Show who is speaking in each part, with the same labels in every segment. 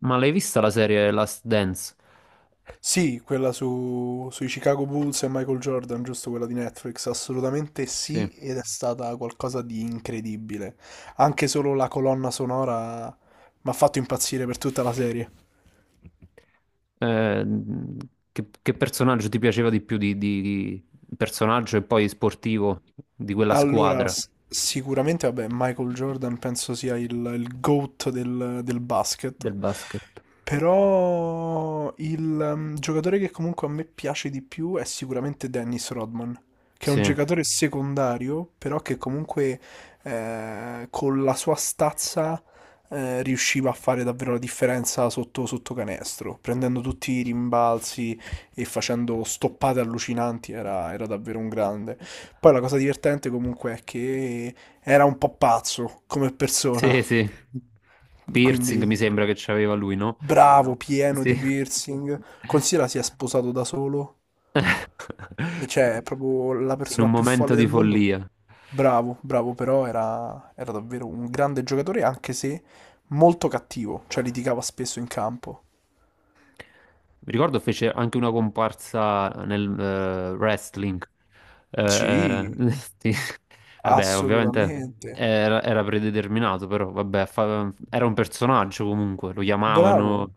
Speaker 1: Ma l'hai vista la serie Last Dance?
Speaker 2: Sì, quella su, sui Chicago Bulls e Michael Jordan, giusto quella di Netflix, assolutamente sì,
Speaker 1: Sì.
Speaker 2: ed è stata qualcosa di incredibile. Anche solo la colonna sonora mi ha fatto impazzire per tutta la serie.
Speaker 1: Eh, che personaggio ti piaceva di più di personaggio e poi sportivo di quella
Speaker 2: Allora,
Speaker 1: squadra
Speaker 2: sicuramente, vabbè, Michael Jordan penso sia il GOAT del basket,
Speaker 1: del basket?
Speaker 2: però il giocatore che comunque a me piace di più è sicuramente Dennis Rodman, che è un
Speaker 1: Sì,
Speaker 2: giocatore secondario, però che comunque con la sua stazza riusciva a fare davvero la differenza sotto canestro, prendendo tutti i rimbalzi e facendo stoppate allucinanti, era davvero un grande. Poi la cosa divertente comunque è che era un po' pazzo come persona,
Speaker 1: sì, sì.
Speaker 2: quindi
Speaker 1: Piercing mi sembra che c'aveva lui, no?
Speaker 2: bravo, pieno
Speaker 1: Sì.
Speaker 2: di piercing. Considera si è sposato da solo, cioè è proprio la
Speaker 1: In
Speaker 2: persona
Speaker 1: un
Speaker 2: più
Speaker 1: momento
Speaker 2: folle del
Speaker 1: di
Speaker 2: mondo.
Speaker 1: follia. Mi
Speaker 2: Bravo, bravo, però era davvero un grande giocatore, anche se molto cattivo, cioè litigava spesso in campo.
Speaker 1: ricordo fece anche una comparsa nel wrestling. Eh,
Speaker 2: Sì,
Speaker 1: sì. Vabbè, ovviamente
Speaker 2: assolutamente.
Speaker 1: era predeterminato, però vabbè, era un personaggio comunque, lo chiamavano,
Speaker 2: Bravo,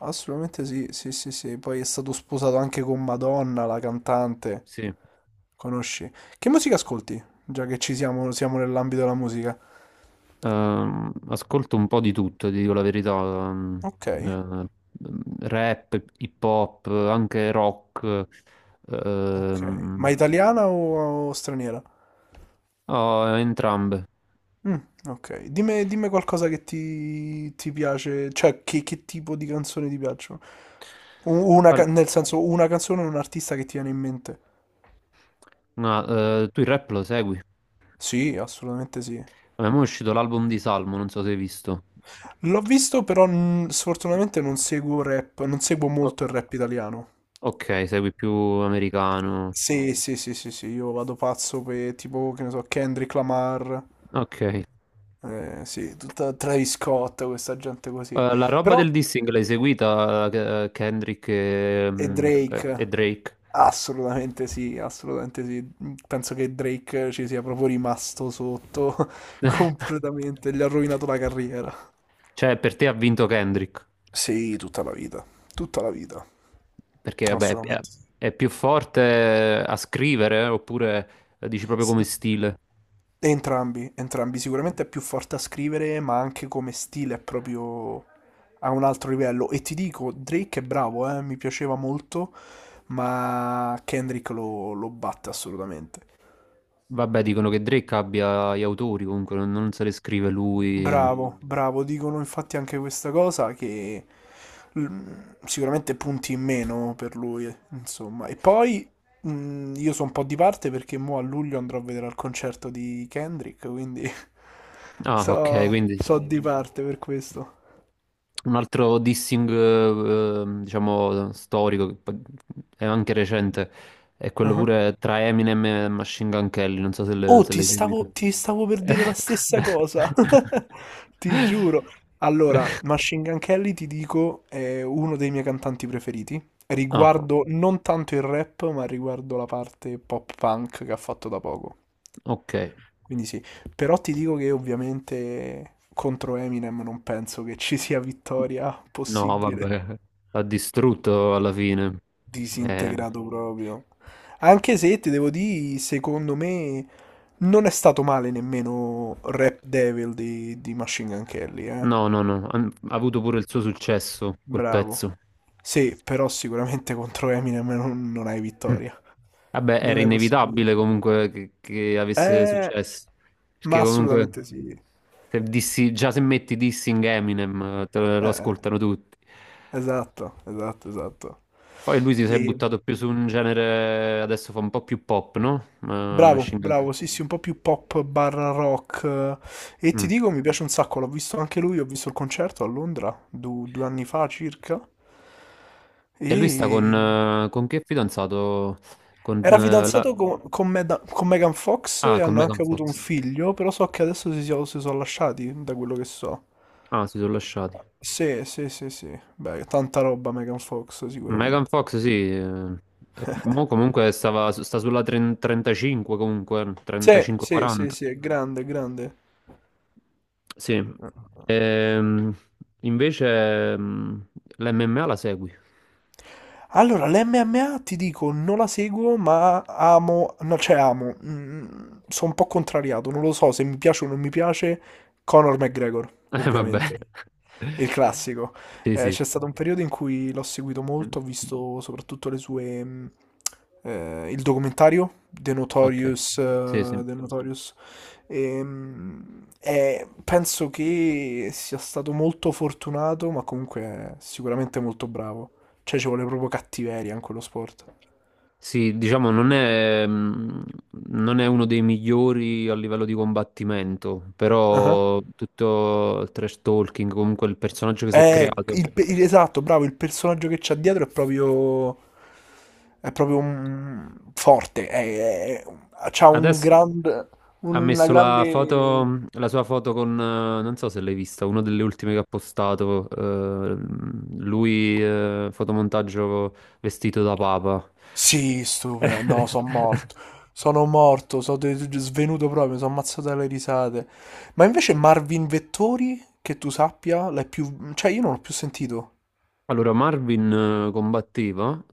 Speaker 2: assolutamente sì, sì, sì, sì. Poi è stato sposato anche con Madonna, la cantante.
Speaker 1: sì.
Speaker 2: Conosci? Che musica ascolti? Già che ci siamo, siamo nell'ambito della musica.
Speaker 1: Ascolto un po' di tutto, ti dico la verità,
Speaker 2: Ok,
Speaker 1: eh, rap, hip hop, anche rock,
Speaker 2: ok. Ma
Speaker 1: ehm,
Speaker 2: italiana o straniera?
Speaker 1: oh, entrambe.
Speaker 2: Mm, ok. Dimmi, dimmi qualcosa che ti piace, cioè che tipo di canzoni ti piacciono? Una,
Speaker 1: Guarda,
Speaker 2: nel senso, una canzone o un artista che ti viene in mente?
Speaker 1: ma, tu il rap lo segui?
Speaker 2: Sì, assolutamente sì.
Speaker 1: A me mo è uscito l'album di Salmo, non so se hai visto.
Speaker 2: L'ho visto, però mm, sfortunatamente non seguo rap, non seguo
Speaker 1: O-
Speaker 2: molto il rap italiano.
Speaker 1: ok, segui più americano.
Speaker 2: Sì, sì, sì, sì, sì, io vado pazzo per tipo, che ne so, Kendrick Lamar,
Speaker 1: Ok.
Speaker 2: sì, tutta Travis Scott, questa gente così.
Speaker 1: La roba
Speaker 2: Però,
Speaker 1: del dissing l'hai seguita, Kendrick e,
Speaker 2: e ho capito.
Speaker 1: mm, e- e
Speaker 2: Drake,
Speaker 1: Drake?
Speaker 2: assolutamente sì, assolutamente sì. Penso che Drake ci sia proprio rimasto sotto completamente, gli ha rovinato la carriera.
Speaker 1: Cioè, per te ha vinto Kendrick?
Speaker 2: Sì, tutta la vita,
Speaker 1: Perché,
Speaker 2: assolutamente
Speaker 1: è più forte a scrivere, oppure dici proprio come
Speaker 2: sì.
Speaker 1: stile?
Speaker 2: Entrambi, entrambi. Sicuramente è più forte a scrivere, ma anche come stile è proprio a un altro livello. E ti dico, Drake è bravo, mi piaceva molto, ma Kendrick lo batte assolutamente.
Speaker 1: Vabbè, dicono che Drake abbia gli autori, comunque non se le scrive lui.
Speaker 2: Bravo, bravo, dicono infatti anche questa cosa che mm, sicuramente punti in meno per lui, insomma. E poi mm, io sono un po' di parte perché mo a luglio andrò a vedere al concerto di Kendrick, quindi
Speaker 1: Ah, ok,
Speaker 2: so,
Speaker 1: quindi...
Speaker 2: so di parte per questo.
Speaker 1: Un altro dissing, diciamo, storico, che poi è anche recente, è quello
Speaker 2: Ah.
Speaker 1: pure tra Eminem e Machine Gun Kelly, non so
Speaker 2: Oh,
Speaker 1: se
Speaker 2: ti così lo
Speaker 1: l'hai
Speaker 2: stavo,
Speaker 1: seguito.
Speaker 2: faremo. Ti stavo per dire la stessa cosa, ti giuro. Allora, Machine Gun Kelly, ti dico, è uno dei miei cantanti preferiti,
Speaker 1: Ah,
Speaker 2: riguardo non tanto il rap, ma riguardo la parte pop punk che ha fatto da poco.
Speaker 1: ok.
Speaker 2: Quindi sì, però ti dico che ovviamente contro Eminem non penso che ci sia vittoria
Speaker 1: No,
Speaker 2: possibile.
Speaker 1: vabbè, l'ha distrutto alla fine. Eh,
Speaker 2: Disintegrato proprio. Anche se ti devo dire, secondo me non è stato male nemmeno Rap Devil di Machine Gun Kelly, eh.
Speaker 1: no, no, no, ha avuto pure il suo successo, quel
Speaker 2: Bravo.
Speaker 1: pezzo.
Speaker 2: Sì, però sicuramente contro Eminem non, non hai vittoria.
Speaker 1: Vabbè,
Speaker 2: Non
Speaker 1: era
Speaker 2: è possibile.
Speaker 1: inevitabile comunque che avesse
Speaker 2: Eh,
Speaker 1: successo. Perché
Speaker 2: ma
Speaker 1: comunque
Speaker 2: assolutamente sì.
Speaker 1: se già se metti Dissing Eminem te lo
Speaker 2: Eh.
Speaker 1: ascoltano tutti.
Speaker 2: Esatto, esatto, esatto.
Speaker 1: Poi lui si è
Speaker 2: E
Speaker 1: buttato più su un genere, adesso fa un po' più pop, no? Ma
Speaker 2: bravo, anche,
Speaker 1: Machine Gun Kelly.
Speaker 2: bravo, sì, sì, un po' più pop barra rock. E ti
Speaker 1: Mm.
Speaker 2: dico, mi piace un sacco, l'ho visto anche lui, ho visto il concerto a Londra due anni fa circa.
Speaker 1: E lui sta
Speaker 2: E
Speaker 1: con che fidanzato? Con,
Speaker 2: era non
Speaker 1: la...
Speaker 2: fidanzato sapevo, con, con Megan Fox e
Speaker 1: Ah, con
Speaker 2: hanno anche
Speaker 1: Megan
Speaker 2: avuto un
Speaker 1: Fox.
Speaker 2: figlio, però so che adesso si sono lasciati, da quello che so.
Speaker 1: Ah, si sono lasciati.
Speaker 2: Sì, sì, sì, sì. Beh, tanta roba Megan Fox,
Speaker 1: Megan
Speaker 2: sicuramente.
Speaker 1: Fox, sì. E mo comunque sta sulla 30 35, comunque,
Speaker 2: Sì, sì, sì,
Speaker 1: 35-40.
Speaker 2: sì, è grande, è grande.
Speaker 1: Sì. Ehm, invece l'MMA la segui.
Speaker 2: Allora, l'MMA ti dico, non la seguo, ma amo, no, cioè amo, mm, sono un po' contrariato, non lo so se mi piace o non mi piace Conor McGregor,
Speaker 1: Vabbè.
Speaker 2: ovviamente, il classico.
Speaker 1: Sì, sì.
Speaker 2: C'è stato un periodo in cui l'ho seguito molto, ho visto soprattutto le sue, il documentario, The
Speaker 1: Ok.
Speaker 2: Notorious,
Speaker 1: Sì, sì.
Speaker 2: The Notorious. E penso che sia stato molto fortunato, ma comunque è sicuramente molto bravo. Cioè, ci vuole proprio cattiveria in quello sport.
Speaker 1: Sì, diciamo, non è uno dei migliori a livello di combattimento,
Speaker 2: Ah.
Speaker 1: però tutto il trash talking, comunque il personaggio che si è
Speaker 2: Eh,
Speaker 1: creato.
Speaker 2: esatto, bravo, il personaggio che c'ha dietro è proprio... È proprio forte. C'ha un
Speaker 1: Adesso
Speaker 2: grande...
Speaker 1: ha
Speaker 2: Una
Speaker 1: messo
Speaker 2: grande...
Speaker 1: la sua foto con, non so se l'hai vista, una delle ultime che ha postato, lui, fotomontaggio vestito da papa.
Speaker 2: Sì, stupendo. No, sono morto. Sono morto, svenuto proprio, sono ammazzato dalle risate. Ma invece Marvin Vettori, che tu sappia, l'hai più... Cioè, io non l'ho più sentito.
Speaker 1: Allora, Marvin combatteva,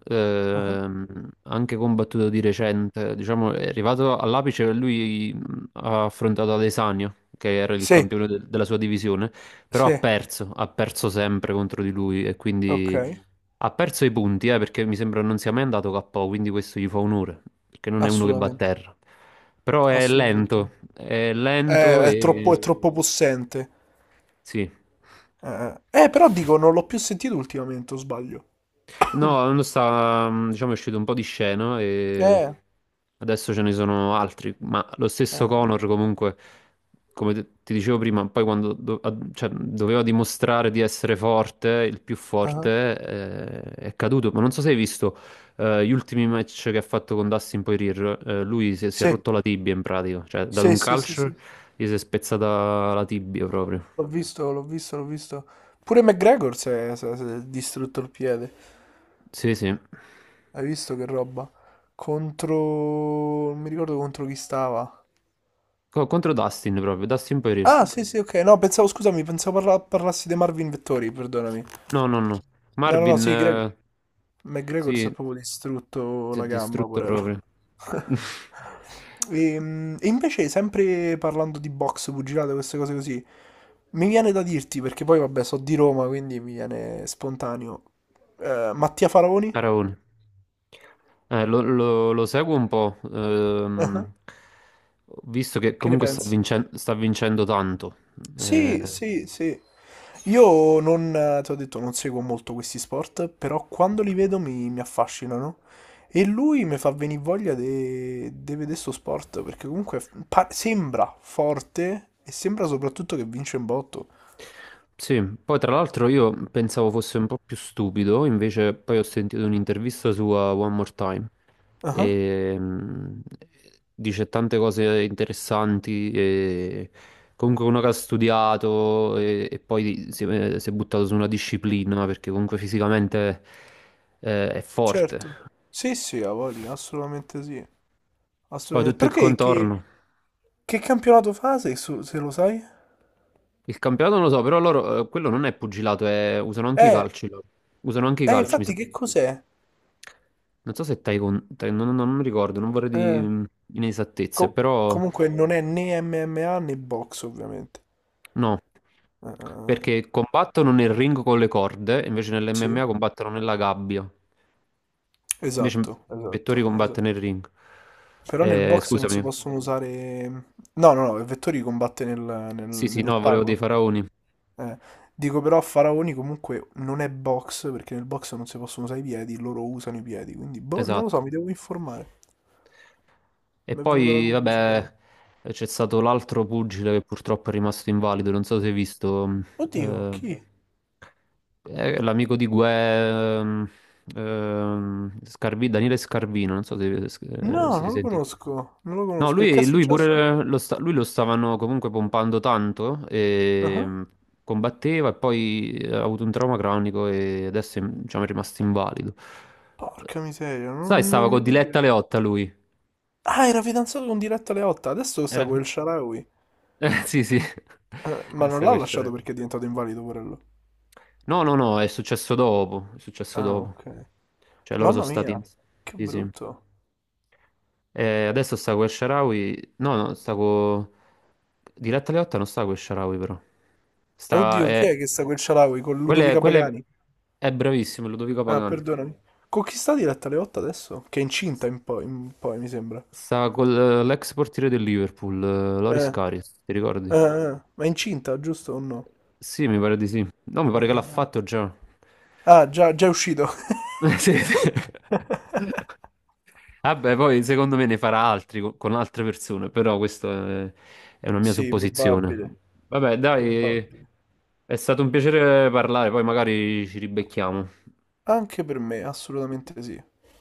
Speaker 2: Ah.
Speaker 1: anche combattuto di recente, diciamo, è arrivato all'apice, lui ha affrontato Adesanya, che era il
Speaker 2: Sì,
Speaker 1: campione della sua divisione, però
Speaker 2: sì,
Speaker 1: ha perso sempre contro di lui e
Speaker 2: ok,
Speaker 1: quindi ha perso i punti, perché mi sembra non sia mai andato KO, quindi questo gli fa onore, perché non è uno che va a
Speaker 2: assolutamente.
Speaker 1: terra. Però
Speaker 2: Assolutamente.
Speaker 1: è lento
Speaker 2: È troppo,
Speaker 1: e...
Speaker 2: è troppo Poi... possente.
Speaker 1: Sì,
Speaker 2: Eh. Però dico, non l'ho più sentito ultimamente, o sbaglio.
Speaker 1: no, l'anno diciamo, è uscito un po' di scena e
Speaker 2: Eh,
Speaker 1: adesso ce ne sono altri, ma lo stesso
Speaker 2: eh,
Speaker 1: Connor comunque, come ti dicevo prima, poi quando cioè, doveva dimostrare di essere forte, il più
Speaker 2: ah.
Speaker 1: forte, è caduto. Ma non so se hai visto gli ultimi match che ha fatto con Dustin Poirier, lui si è
Speaker 2: Sì,
Speaker 1: rotto la tibia in pratica, cioè ha
Speaker 2: sì,
Speaker 1: dato
Speaker 2: eh,
Speaker 1: un
Speaker 2: sì, sì, sì,
Speaker 1: calcio,
Speaker 2: sì.
Speaker 1: gli si è spezzata la tibia proprio.
Speaker 2: L'ho visto, l'ho visto, l'ho visto. Pure McGregor si è distrutto il piede.
Speaker 1: Sì, sì.
Speaker 2: Hai visto che roba? Contro... Non mi ricordo contro chi stava.
Speaker 1: Contro Dustin proprio, Dustin Poirier.
Speaker 2: Ah, sì, sì, ok. No, pensavo, scusami, pensavo parlassi dei Marvin Vettori, perdonami.
Speaker 1: No, no, no.
Speaker 2: No, no, no,
Speaker 1: Marvin,
Speaker 2: sì, Greg... McGregor si è
Speaker 1: sì,
Speaker 2: proprio distrutto
Speaker 1: si è
Speaker 2: la gamba,
Speaker 1: distrutto
Speaker 2: porello.
Speaker 1: proprio.
Speaker 2: E, invece, sempre parlando di box, pugilate, queste cose così, mi viene da dirti, perché poi vabbè, so di Roma, quindi mi viene spontaneo. Mattia Faraoni?
Speaker 1: Faraone. Lo seguo un po',
Speaker 2: Ah,
Speaker 1: visto che
Speaker 2: che ne
Speaker 1: comunque
Speaker 2: pensi?
Speaker 1: sta vincendo tanto.
Speaker 2: Sì,
Speaker 1: Eh,
Speaker 2: sì, sì. Io non, ti ho detto, non seguo molto questi sport, però quando li vedo mi affascinano. E lui mi fa venire voglia di vedere sto sport, perché comunque sembra forte e sembra soprattutto che vince in botto.
Speaker 1: Sì, poi tra l'altro io pensavo fosse un po' più stupido, invece poi ho sentito un'intervista sua One More Time
Speaker 2: Ah,
Speaker 1: e dice tante cose interessanti e comunque uno che ha studiato e poi si è buttato su una disciplina perché comunque fisicamente è forte.
Speaker 2: certo. Sì, sì, ha voglia, assolutamente sì.
Speaker 1: Poi
Speaker 2: Assolutamente.
Speaker 1: tutto il
Speaker 2: Perché
Speaker 1: contorno.
Speaker 2: che campionato fa, se, se lo sai?
Speaker 1: Il campionato non lo so, però loro quello non è pugilato, usano anche i
Speaker 2: Eh,
Speaker 1: calci loro. Usano anche i calci, mi
Speaker 2: infatti
Speaker 1: sa.
Speaker 2: che cos'è?
Speaker 1: Non so se Taekwondo, non ricordo, non vorrei di
Speaker 2: Eh,
Speaker 1: inesattezze,
Speaker 2: co-
Speaker 1: però
Speaker 2: comunque non è né MMA né box, ovviamente.
Speaker 1: no,
Speaker 2: Eh,
Speaker 1: perché combattono nel ring con le corde, invece
Speaker 2: sì.
Speaker 1: nell'MMA combattono nella gabbia, invece
Speaker 2: Esatto,
Speaker 1: Vettori
Speaker 2: esatto,
Speaker 1: combatte
Speaker 2: esatto.
Speaker 1: nel ring.
Speaker 2: Però nel box non si
Speaker 1: Scusami,
Speaker 2: possono usare... No, no, no, Vettori combatte
Speaker 1: sì sì, no, volevo dei
Speaker 2: nell'ottagono.
Speaker 1: faraoni,
Speaker 2: Eh, Dico però Faraoni comunque non è box, perché nel box non si possono usare i piedi, loro usano i piedi, quindi boh, non lo
Speaker 1: esatto.
Speaker 2: so, mi devo informare.
Speaker 1: E
Speaker 2: Mi è venuta la
Speaker 1: poi,
Speaker 2: curiosità.
Speaker 1: vabbè, c'è stato l'altro pugile che purtroppo è rimasto invalido, non so se hai visto,
Speaker 2: Oddio,
Speaker 1: eh,
Speaker 2: chi?
Speaker 1: L'amico di Gue, Daniele Scarvino, non so
Speaker 2: No,
Speaker 1: se
Speaker 2: non lo
Speaker 1: senti.
Speaker 2: conosco, non lo
Speaker 1: No,
Speaker 2: conosco. E che è
Speaker 1: lui
Speaker 2: successo?
Speaker 1: pure lui lo stavano comunque pompando tanto, e
Speaker 2: Ah,
Speaker 1: combatteva e poi ha avuto un trauma cronico e adesso è, diciamo, è rimasto invalido.
Speaker 2: porca miseria, non,
Speaker 1: Sai,
Speaker 2: non
Speaker 1: stava
Speaker 2: ne
Speaker 1: con
Speaker 2: avevo idea.
Speaker 1: Diletta Leotta lui.
Speaker 2: Ah, era fidanzato con Diretta Leotta, adesso sta
Speaker 1: Era...
Speaker 2: con il Sharawi.
Speaker 1: Sì, sì.
Speaker 2: Ma non
Speaker 1: Questa
Speaker 2: l'ha lasciato
Speaker 1: questione.
Speaker 2: perché è diventato invalido, quello.
Speaker 1: No, no, no, è successo dopo, è successo
Speaker 2: Ah,
Speaker 1: dopo.
Speaker 2: ok.
Speaker 1: Cioè loro sono
Speaker 2: Mamma
Speaker 1: stati...
Speaker 2: mia, che
Speaker 1: Sì, sì.
Speaker 2: brutto.
Speaker 1: E adesso sta con Sharawi. No, no, sta con. Diletta Leotta non sta con Sharawi, però. Sta.
Speaker 2: Oddio, chi è
Speaker 1: È...
Speaker 2: che sta quel Cialawi con
Speaker 1: Quella è,
Speaker 2: Ludovica
Speaker 1: quella è-
Speaker 2: Pagani?
Speaker 1: è bravissimo, Ludovico
Speaker 2: Ah,
Speaker 1: Pagani.
Speaker 2: perdonami. Con chi sta diretta alle 8 adesso? Che è incinta in poi, mi sembra.
Speaker 1: Sta con l'ex portiere del Liverpool, Loris
Speaker 2: Eh,
Speaker 1: Karius, ti ricordi?
Speaker 2: ma è incinta, giusto o no?
Speaker 1: Sì, mi pare di sì. No, mi pare
Speaker 2: Ah,
Speaker 1: che l'ha
Speaker 2: ah, ah.
Speaker 1: fatto già.
Speaker 2: Ah, già, già è uscito.
Speaker 1: Sì, sì. Vabbè, poi secondo me ne farà altri con altre persone, però questa è è una mia
Speaker 2: Sì,
Speaker 1: supposizione.
Speaker 2: probabile,
Speaker 1: Vabbè, dai,
Speaker 2: probabile.
Speaker 1: è stato un piacere parlare, poi magari ci ribecchiamo.
Speaker 2: Anche per me, assolutamente sì.